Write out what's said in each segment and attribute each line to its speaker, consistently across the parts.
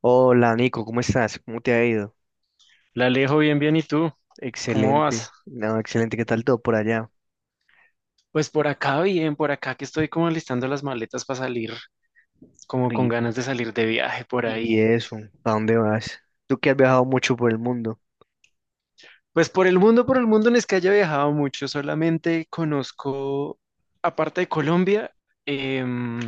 Speaker 1: Hola Nico, ¿cómo estás? ¿Cómo te ha ido?
Speaker 2: La Alejo, bien, bien, ¿y tú? ¿Cómo vas?
Speaker 1: Excelente, no, excelente, ¿qué tal todo por allá?
Speaker 2: Pues por acá bien, por acá que estoy como alistando las maletas para salir, como con
Speaker 1: Y,
Speaker 2: ganas de salir de viaje por
Speaker 1: y
Speaker 2: ahí.
Speaker 1: eso, ¿a dónde vas? Tú que has viajado mucho por el mundo.
Speaker 2: Pues por el mundo no es que haya viajado mucho, solamente conozco, aparte de Colombia, em,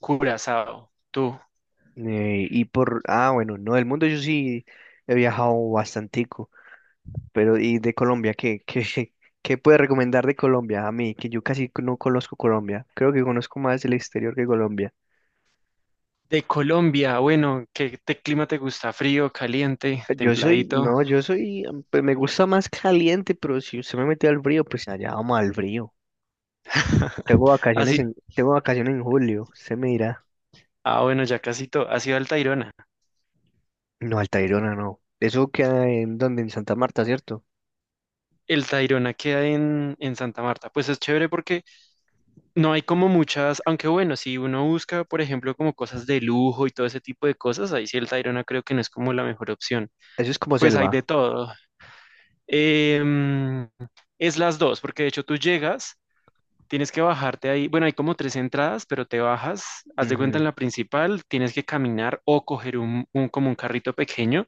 Speaker 2: Curazao. Tú,
Speaker 1: Y por, ah, bueno, no, el mundo yo sí he viajado bastantico, pero ¿y de Colombia? ¿Qué puedes recomendar de Colombia a mí? Que yo casi no conozco Colombia, creo que conozco más el exterior que Colombia.
Speaker 2: de Colombia, bueno, ¿qué clima te gusta? ¿Frío, caliente,
Speaker 1: Yo soy,
Speaker 2: templadito?
Speaker 1: no, yo soy, pues me gusta más caliente, pero si usted me mete al frío, pues allá vamos al frío.
Speaker 2: Así,
Speaker 1: Tengo vacaciones en julio, se me dirá.
Speaker 2: ah, bueno, ya casi todo, ha sido al Tayrona.
Speaker 1: No, Altairona no. Eso queda en donde, en Santa Marta, ¿cierto?
Speaker 2: El Tayrona queda en Santa Marta. Pues es chévere porque no hay como muchas, aunque bueno, si uno busca, por ejemplo, como cosas de lujo y todo ese tipo de cosas, ahí sí el Tayrona creo que no es como la mejor opción.
Speaker 1: Eso es como
Speaker 2: Pues hay de
Speaker 1: selva.
Speaker 2: todo. Em, es las dos, porque de hecho tú llegas, tienes que bajarte ahí. Bueno, hay como tres entradas, pero te bajas, haz de cuenta en
Speaker 1: Ujú,
Speaker 2: la principal, tienes que caminar o coger como un carrito pequeño.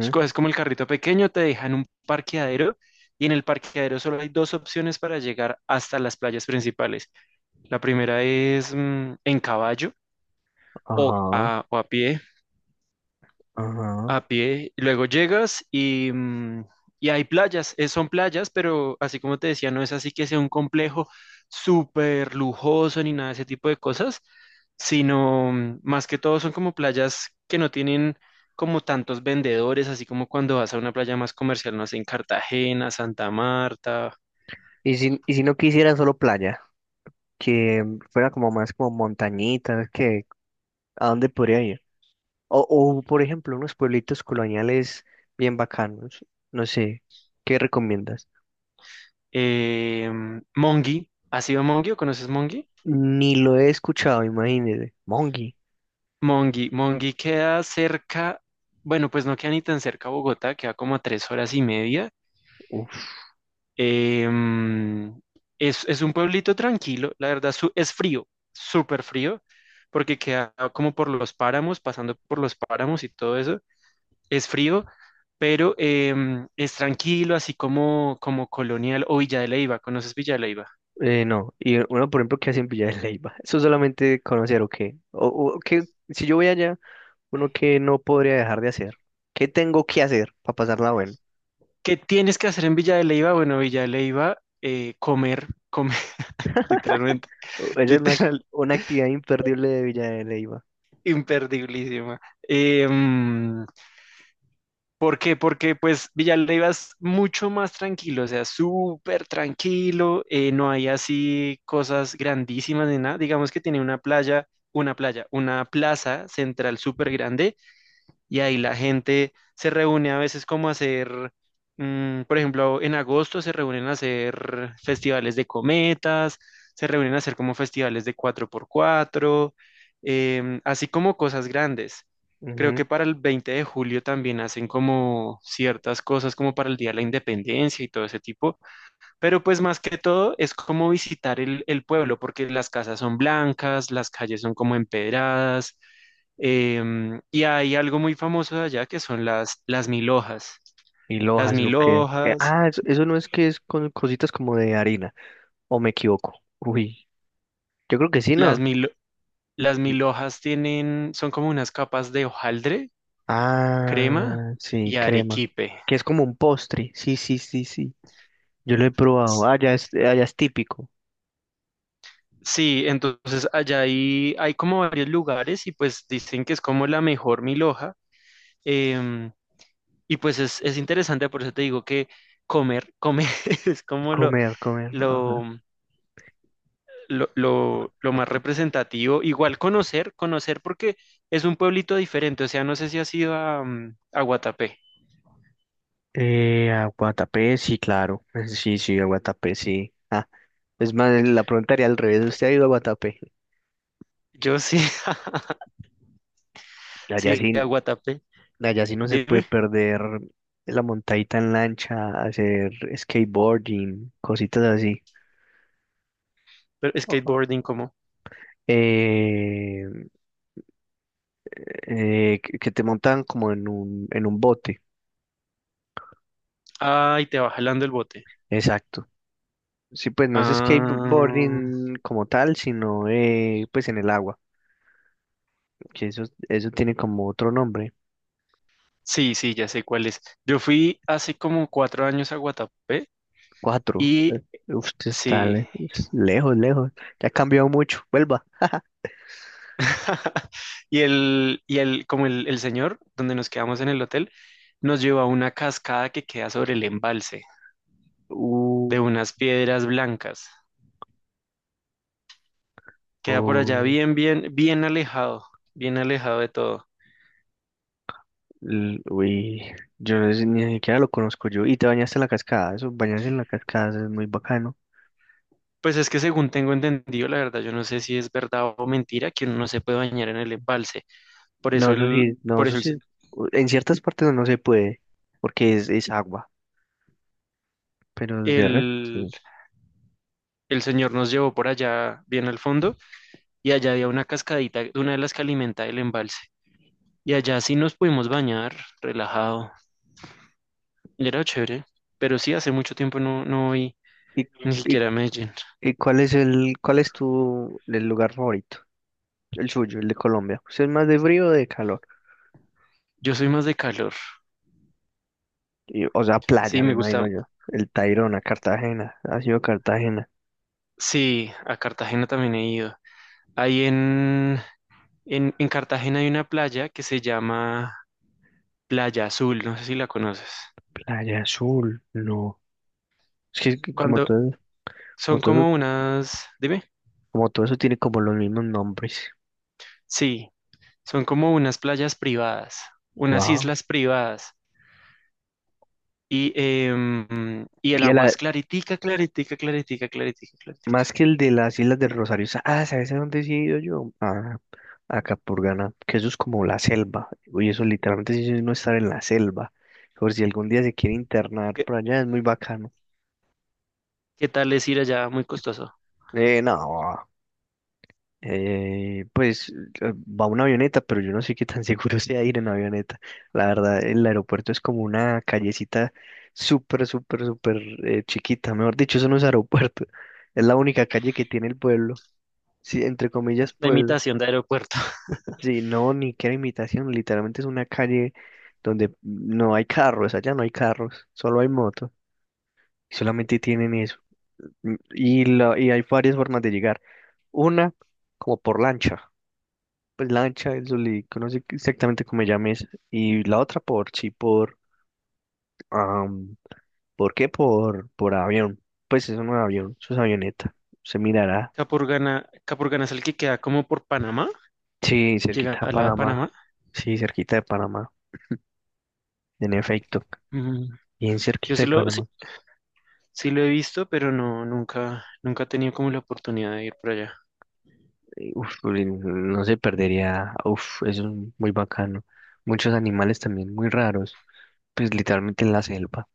Speaker 2: Si coges como el carrito pequeño, te dejan un parqueadero y en el parqueadero solo hay dos opciones para llegar hasta las playas principales. La primera es en caballo o
Speaker 1: ajá,
Speaker 2: a, o a pie,
Speaker 1: ajá.
Speaker 2: a pie. Y luego llegas y hay playas. Son playas, pero así como te decía, no es así que sea un complejo súper lujoso ni nada de ese tipo de cosas, sino más que todo son como playas que no tienen como tantos vendedores, así como cuando vas a una playa más comercial, no sé, en Cartagena, Santa Marta,
Speaker 1: Y si no quisiera solo playa, que fuera como más como montañitas, que ¿a dónde podría ir? O por ejemplo, unos pueblitos coloniales bien bacanos. No sé, ¿qué recomiendas?
Speaker 2: eh, Monguí. ¿Has ido a Monguí o conoces Monguí?
Speaker 1: Ni lo he escuchado, imagínese. Mongi.
Speaker 2: Monguí? Monguí queda cerca, bueno, pues no queda ni tan cerca a Bogotá, queda como a 3 horas y media.
Speaker 1: Uf,
Speaker 2: Em, es un pueblito tranquilo, la verdad es frío, súper frío, porque queda como por los páramos, pasando por los páramos y todo eso. Es frío, pero es tranquilo, así como colonial o Villa de Leiva. ¿Conoces Villa de Leiva?
Speaker 1: No, y uno, por ejemplo, que hace en Villa de Leyva? ¿Eso solamente conocer o qué? O qué, si yo voy allá, uno que no podría dejar de hacer. ¿Qué tengo que hacer para pasarla bueno?
Speaker 2: ¿Qué tienes que hacer en Villa de Leiva? Bueno, Villa de Leiva, comer, comer, literalmente,
Speaker 1: O- Esa es
Speaker 2: literal,
Speaker 1: una actividad imperdible de Villa de Leyva.
Speaker 2: imperdiblísima. Eh, ¿Por qué? Porque pues Villalba es mucho más tranquilo, o sea, súper tranquilo, no hay así cosas grandísimas ni nada. Digamos que tiene una plaza central súper grande y ahí la gente se reúne a veces como a hacer, por ejemplo, en agosto se reúnen a hacer festivales de cometas, se reúnen a hacer como festivales de cuatro por cuatro, así como cosas grandes. Creo
Speaker 1: Ujú.
Speaker 2: que para el 20 de julio también hacen como ciertas cosas como para el Día de la Independencia y todo ese tipo, pero pues más que todo es como visitar el pueblo, porque las casas son blancas, las calles son como empedradas. Y hay algo muy famoso de allá que son las mil hojas.
Speaker 1: ¿Y
Speaker 2: Las
Speaker 1: Lojas, o
Speaker 2: mil
Speaker 1: qué?
Speaker 2: hojas,
Speaker 1: Eso, eso no es que es con cositas como de harina, o me equivoco. Uy, yo creo que sí,
Speaker 2: las
Speaker 1: ¿no?
Speaker 2: mil, las mil hojas tienen, son como unas capas de hojaldre, crema
Speaker 1: Ah, sí,
Speaker 2: y
Speaker 1: crema.
Speaker 2: arequipe.
Speaker 1: Que es como un postre. Sí, sí, sí, sí. Yo lo he probado.
Speaker 2: S-
Speaker 1: Ah, ya es típico.
Speaker 2: Sí, entonces allá hay, como varios lugares y pues dicen que es como la mejor mil hoja. em, Y pues es, interesante, por eso te digo que comer, comer es como
Speaker 1: Comer, comer.
Speaker 2: lo,
Speaker 1: Ajá.
Speaker 2: lo más representativo. Igual conocer, conocer porque es un pueblito diferente. O sea, no sé si has ido a Guatapé.
Speaker 1: A Guatapé, sí, claro. Sí, sí, a Guatapé, sí. Ah, es más, la pregunta haría al revés. ¿Usted ha ido a Guatapé?
Speaker 2: Yo sí,
Speaker 1: Allá
Speaker 2: sí,
Speaker 1: sí,
Speaker 2: a Guatapé.
Speaker 1: allá sí no se puede
Speaker 2: Dime,
Speaker 1: perder la montadita en lancha, hacer skateboarding, cositas así.
Speaker 2: pero skateboarding, ¿cómo?
Speaker 1: Eh, que te montan como en un bote.
Speaker 2: Ay, te va jalando el bote.
Speaker 1: Exacto. Sí, pues no es
Speaker 2: Ah,
Speaker 1: skateboarding como tal, sino pues en el agua, que eso tiene como otro nombre.
Speaker 2: sí, sí, ya sé cuál es. Yo fui hace como 4 años a Guatapé
Speaker 1: Cuatro.
Speaker 2: y
Speaker 1: Usted está
Speaker 2: sí.
Speaker 1: le- es lejos, lejos. Ya ha cambiado mucho. Vuelva.
Speaker 2: Y el señor, donde nos quedamos en el hotel, nos llevó a una cascada que queda sobre el embalse
Speaker 1: Uh,
Speaker 2: de unas piedras blancas. Queda por allá
Speaker 1: oh,
Speaker 2: bien, bien, bien alejado de todo.
Speaker 1: l- uy, yo no sé- ni siquiera lo conozco yo. ¿Y te bañaste en la cascada? Eso, bañarse en la cascada eso es muy bacano.
Speaker 2: Pues es que según tengo entendido, la verdad, yo no sé si es verdad o mentira que uno no se puede bañar en el embalse. Por
Speaker 1: No,
Speaker 2: eso
Speaker 1: eso
Speaker 2: el,
Speaker 1: sí, no,
Speaker 2: por
Speaker 1: eso
Speaker 2: eso el,
Speaker 1: sí. u- En ciertas partes no se puede, porque es agua. Pero de resto,
Speaker 2: el,
Speaker 1: sí.
Speaker 2: el señor nos llevó por allá bien al fondo y allá había una cascadita, una de las que alimenta el embalse. Y allá sí nos pudimos bañar, relajado. Y era chévere, pero sí, hace mucho tiempo no voy
Speaker 1: ¿Y,
Speaker 2: ni
Speaker 1: y,
Speaker 2: siquiera a Medellín.
Speaker 1: ¿y cuál es el, cuál es tu el lugar favorito? El suyo, el de Colombia. ¿Usted es más de frío o de calor?
Speaker 2: Yo soy más de calor.
Speaker 1: Y, o sea,
Speaker 2: Sí,
Speaker 1: playa, me
Speaker 2: me gusta.
Speaker 1: imagino yo. El Tayrona, Cartagena. Ha sido Cartagena.
Speaker 2: Sí, a Cartagena también he ido. Ahí en Cartagena hay una playa que se llama Playa Azul, no sé si la conoces.
Speaker 1: Playa Azul, no. Es que como
Speaker 2: Cuando
Speaker 1: todo, como
Speaker 2: son
Speaker 1: todo,
Speaker 2: como unas, dime.
Speaker 1: como todo eso tiene como los mismos nombres.
Speaker 2: Sí, son como unas playas privadas, unas
Speaker 1: Wow.
Speaker 2: islas privadas. Y el
Speaker 1: Y a
Speaker 2: agua
Speaker 1: la,
Speaker 2: es claritica, claritica, claritica, claritica, claritica.
Speaker 1: más que el de las Islas del Rosario. Sa- Ah, ¿sabes a dónde sí he ido yo? A Capurganá, que eso es como la selva. Oye, eso literalmente sí es no estar en la selva. Por si algún día se quiere
Speaker 2: ¿Y
Speaker 1: internar por allá, es muy bacano.
Speaker 2: qué, tal es ir allá? Muy costoso.
Speaker 1: No. Eh, pues va una avioneta, pero yo no sé qué tan seguro sea ir en avioneta. La verdad, el aeropuerto es como una callecita súper, súper, súper chiquita. Mejor dicho, eso no es aeropuerto. Es la única calle que tiene el pueblo. Sí, entre comillas,
Speaker 2: La
Speaker 1: pueblo.
Speaker 2: imitación de aeropuerto.
Speaker 1: Sí, no, ni qué imitación. Literalmente es una calle donde no hay carros. Allá no hay carros, solo hay motos. Y solamente tienen eso. Y hay varias formas de llegar. Una, como por lancha. Pues lancha, el Zulico, no sé exactamente cómo me llames. Y la otra por, sí, por, am, ¿por qué? Por avión. Pues es un avión, eso es avioneta. Se mirará.
Speaker 2: Capurganá, Capurganá es el que queda como por Panamá,
Speaker 1: Sí,
Speaker 2: llega
Speaker 1: cerquita de
Speaker 2: a la de
Speaker 1: Panamá.
Speaker 2: Panamá.
Speaker 1: Sí, cerquita de Panamá. En efecto,
Speaker 2: Mm,
Speaker 1: bien
Speaker 2: Yo
Speaker 1: cerquita
Speaker 2: sí
Speaker 1: de Panamá.
Speaker 2: lo he visto, pero no, nunca, nunca he tenido como la oportunidad de ir por allá.
Speaker 1: Uf, uy, no se perdería. Uf, eso es muy bacano. Muchos animales también muy raros. Pues literalmente en la selva.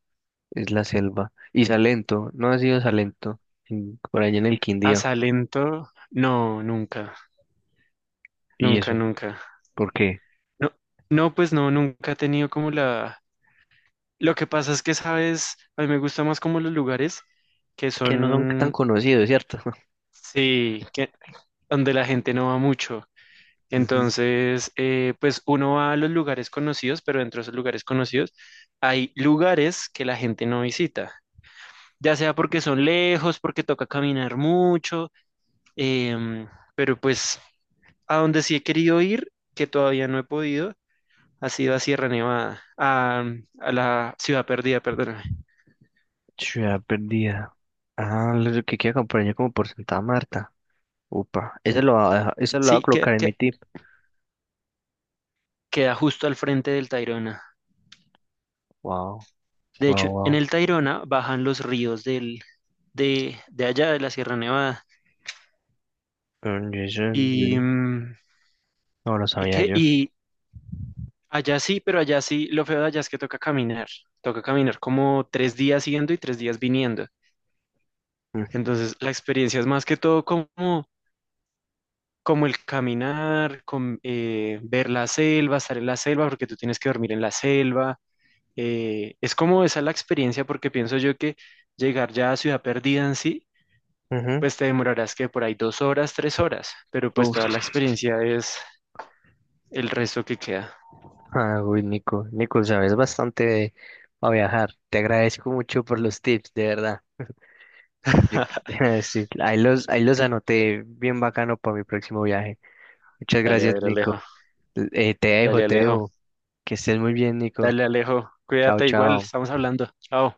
Speaker 1: Es la selva. Y Salento, no ha sido Salento. En- por allá en el
Speaker 2: A
Speaker 1: Quindío.
Speaker 2: Salento, no, nunca,
Speaker 1: ¿Y
Speaker 2: nunca,
Speaker 1: eso?
Speaker 2: nunca.
Speaker 1: ¿Por qué?
Speaker 2: No, no, pues no, nunca he tenido como la... Lo que pasa es que, sabes, a mí me gusta más como los lugares que
Speaker 1: Que no son tan
Speaker 2: son,
Speaker 1: conocidos, ¿cierto?
Speaker 2: sí, que, donde la gente no va mucho.
Speaker 1: Ujú.
Speaker 2: Entonces, pues uno va a los lugares conocidos, pero dentro de esos lugares conocidos hay lugares que la gente no visita, ya sea porque son lejos, porque toca caminar mucho. em, pero pues a donde sí he querido ir, que todavía no he podido, ha sido a Sierra Nevada, a la Ciudad Perdida, perdóname.
Speaker 1: Ciudad perdida. Ah, lo que quiero acompañar como por Santa Marta. Upa, ese lo va a dejar- ese lo voy a
Speaker 2: Sí,
Speaker 1: colocar en mi
Speaker 2: que
Speaker 1: tip.
Speaker 2: queda justo al frente del Tayrona.
Speaker 1: Wow,
Speaker 2: De hecho,
Speaker 1: wow,
Speaker 2: en
Speaker 1: wow.
Speaker 2: el Tayrona bajan los ríos de allá, de la Sierra Nevada.
Speaker 1: Mm, y eso,
Speaker 2: Y,
Speaker 1: mm,
Speaker 2: mm,
Speaker 1: no lo
Speaker 2: ¿Y
Speaker 1: sabía
Speaker 2: qué?
Speaker 1: yo.
Speaker 2: Y allá sí, pero allá sí, lo feo de allá es que toca caminar. Toca caminar como 3 días yendo y 3 días viniendo.
Speaker 1: Mm,
Speaker 2: Entonces, la experiencia es más que todo como el caminar, ver la selva, estar en la selva, porque tú tienes que dormir en la selva. Es como esa la experiencia, porque pienso yo que llegar ya a Ciudad Perdida en sí,
Speaker 1: ujú.
Speaker 2: pues te demorarás que por ahí 2 horas, 3 horas, pero pues
Speaker 1: Uf.
Speaker 2: toda la experiencia es el resto que queda.
Speaker 1: Ah, uy, Nico, Nico, sabes bastante de- a viajar. Te agradezco mucho por los tips, de verdad. Yo- sí, ahí los anoté bien bacano para mi próximo viaje. Muchas
Speaker 2: Dale, a
Speaker 1: gracias,
Speaker 2: ver, Alejo.
Speaker 1: Nico. Te dejo,
Speaker 2: Dale,
Speaker 1: te
Speaker 2: Alejo.
Speaker 1: dejo. Que estés muy bien, Nico.
Speaker 2: Dale, Alejo,
Speaker 1: Chao,
Speaker 2: cuídate igual,
Speaker 1: chao.
Speaker 2: estamos hablando. Chao.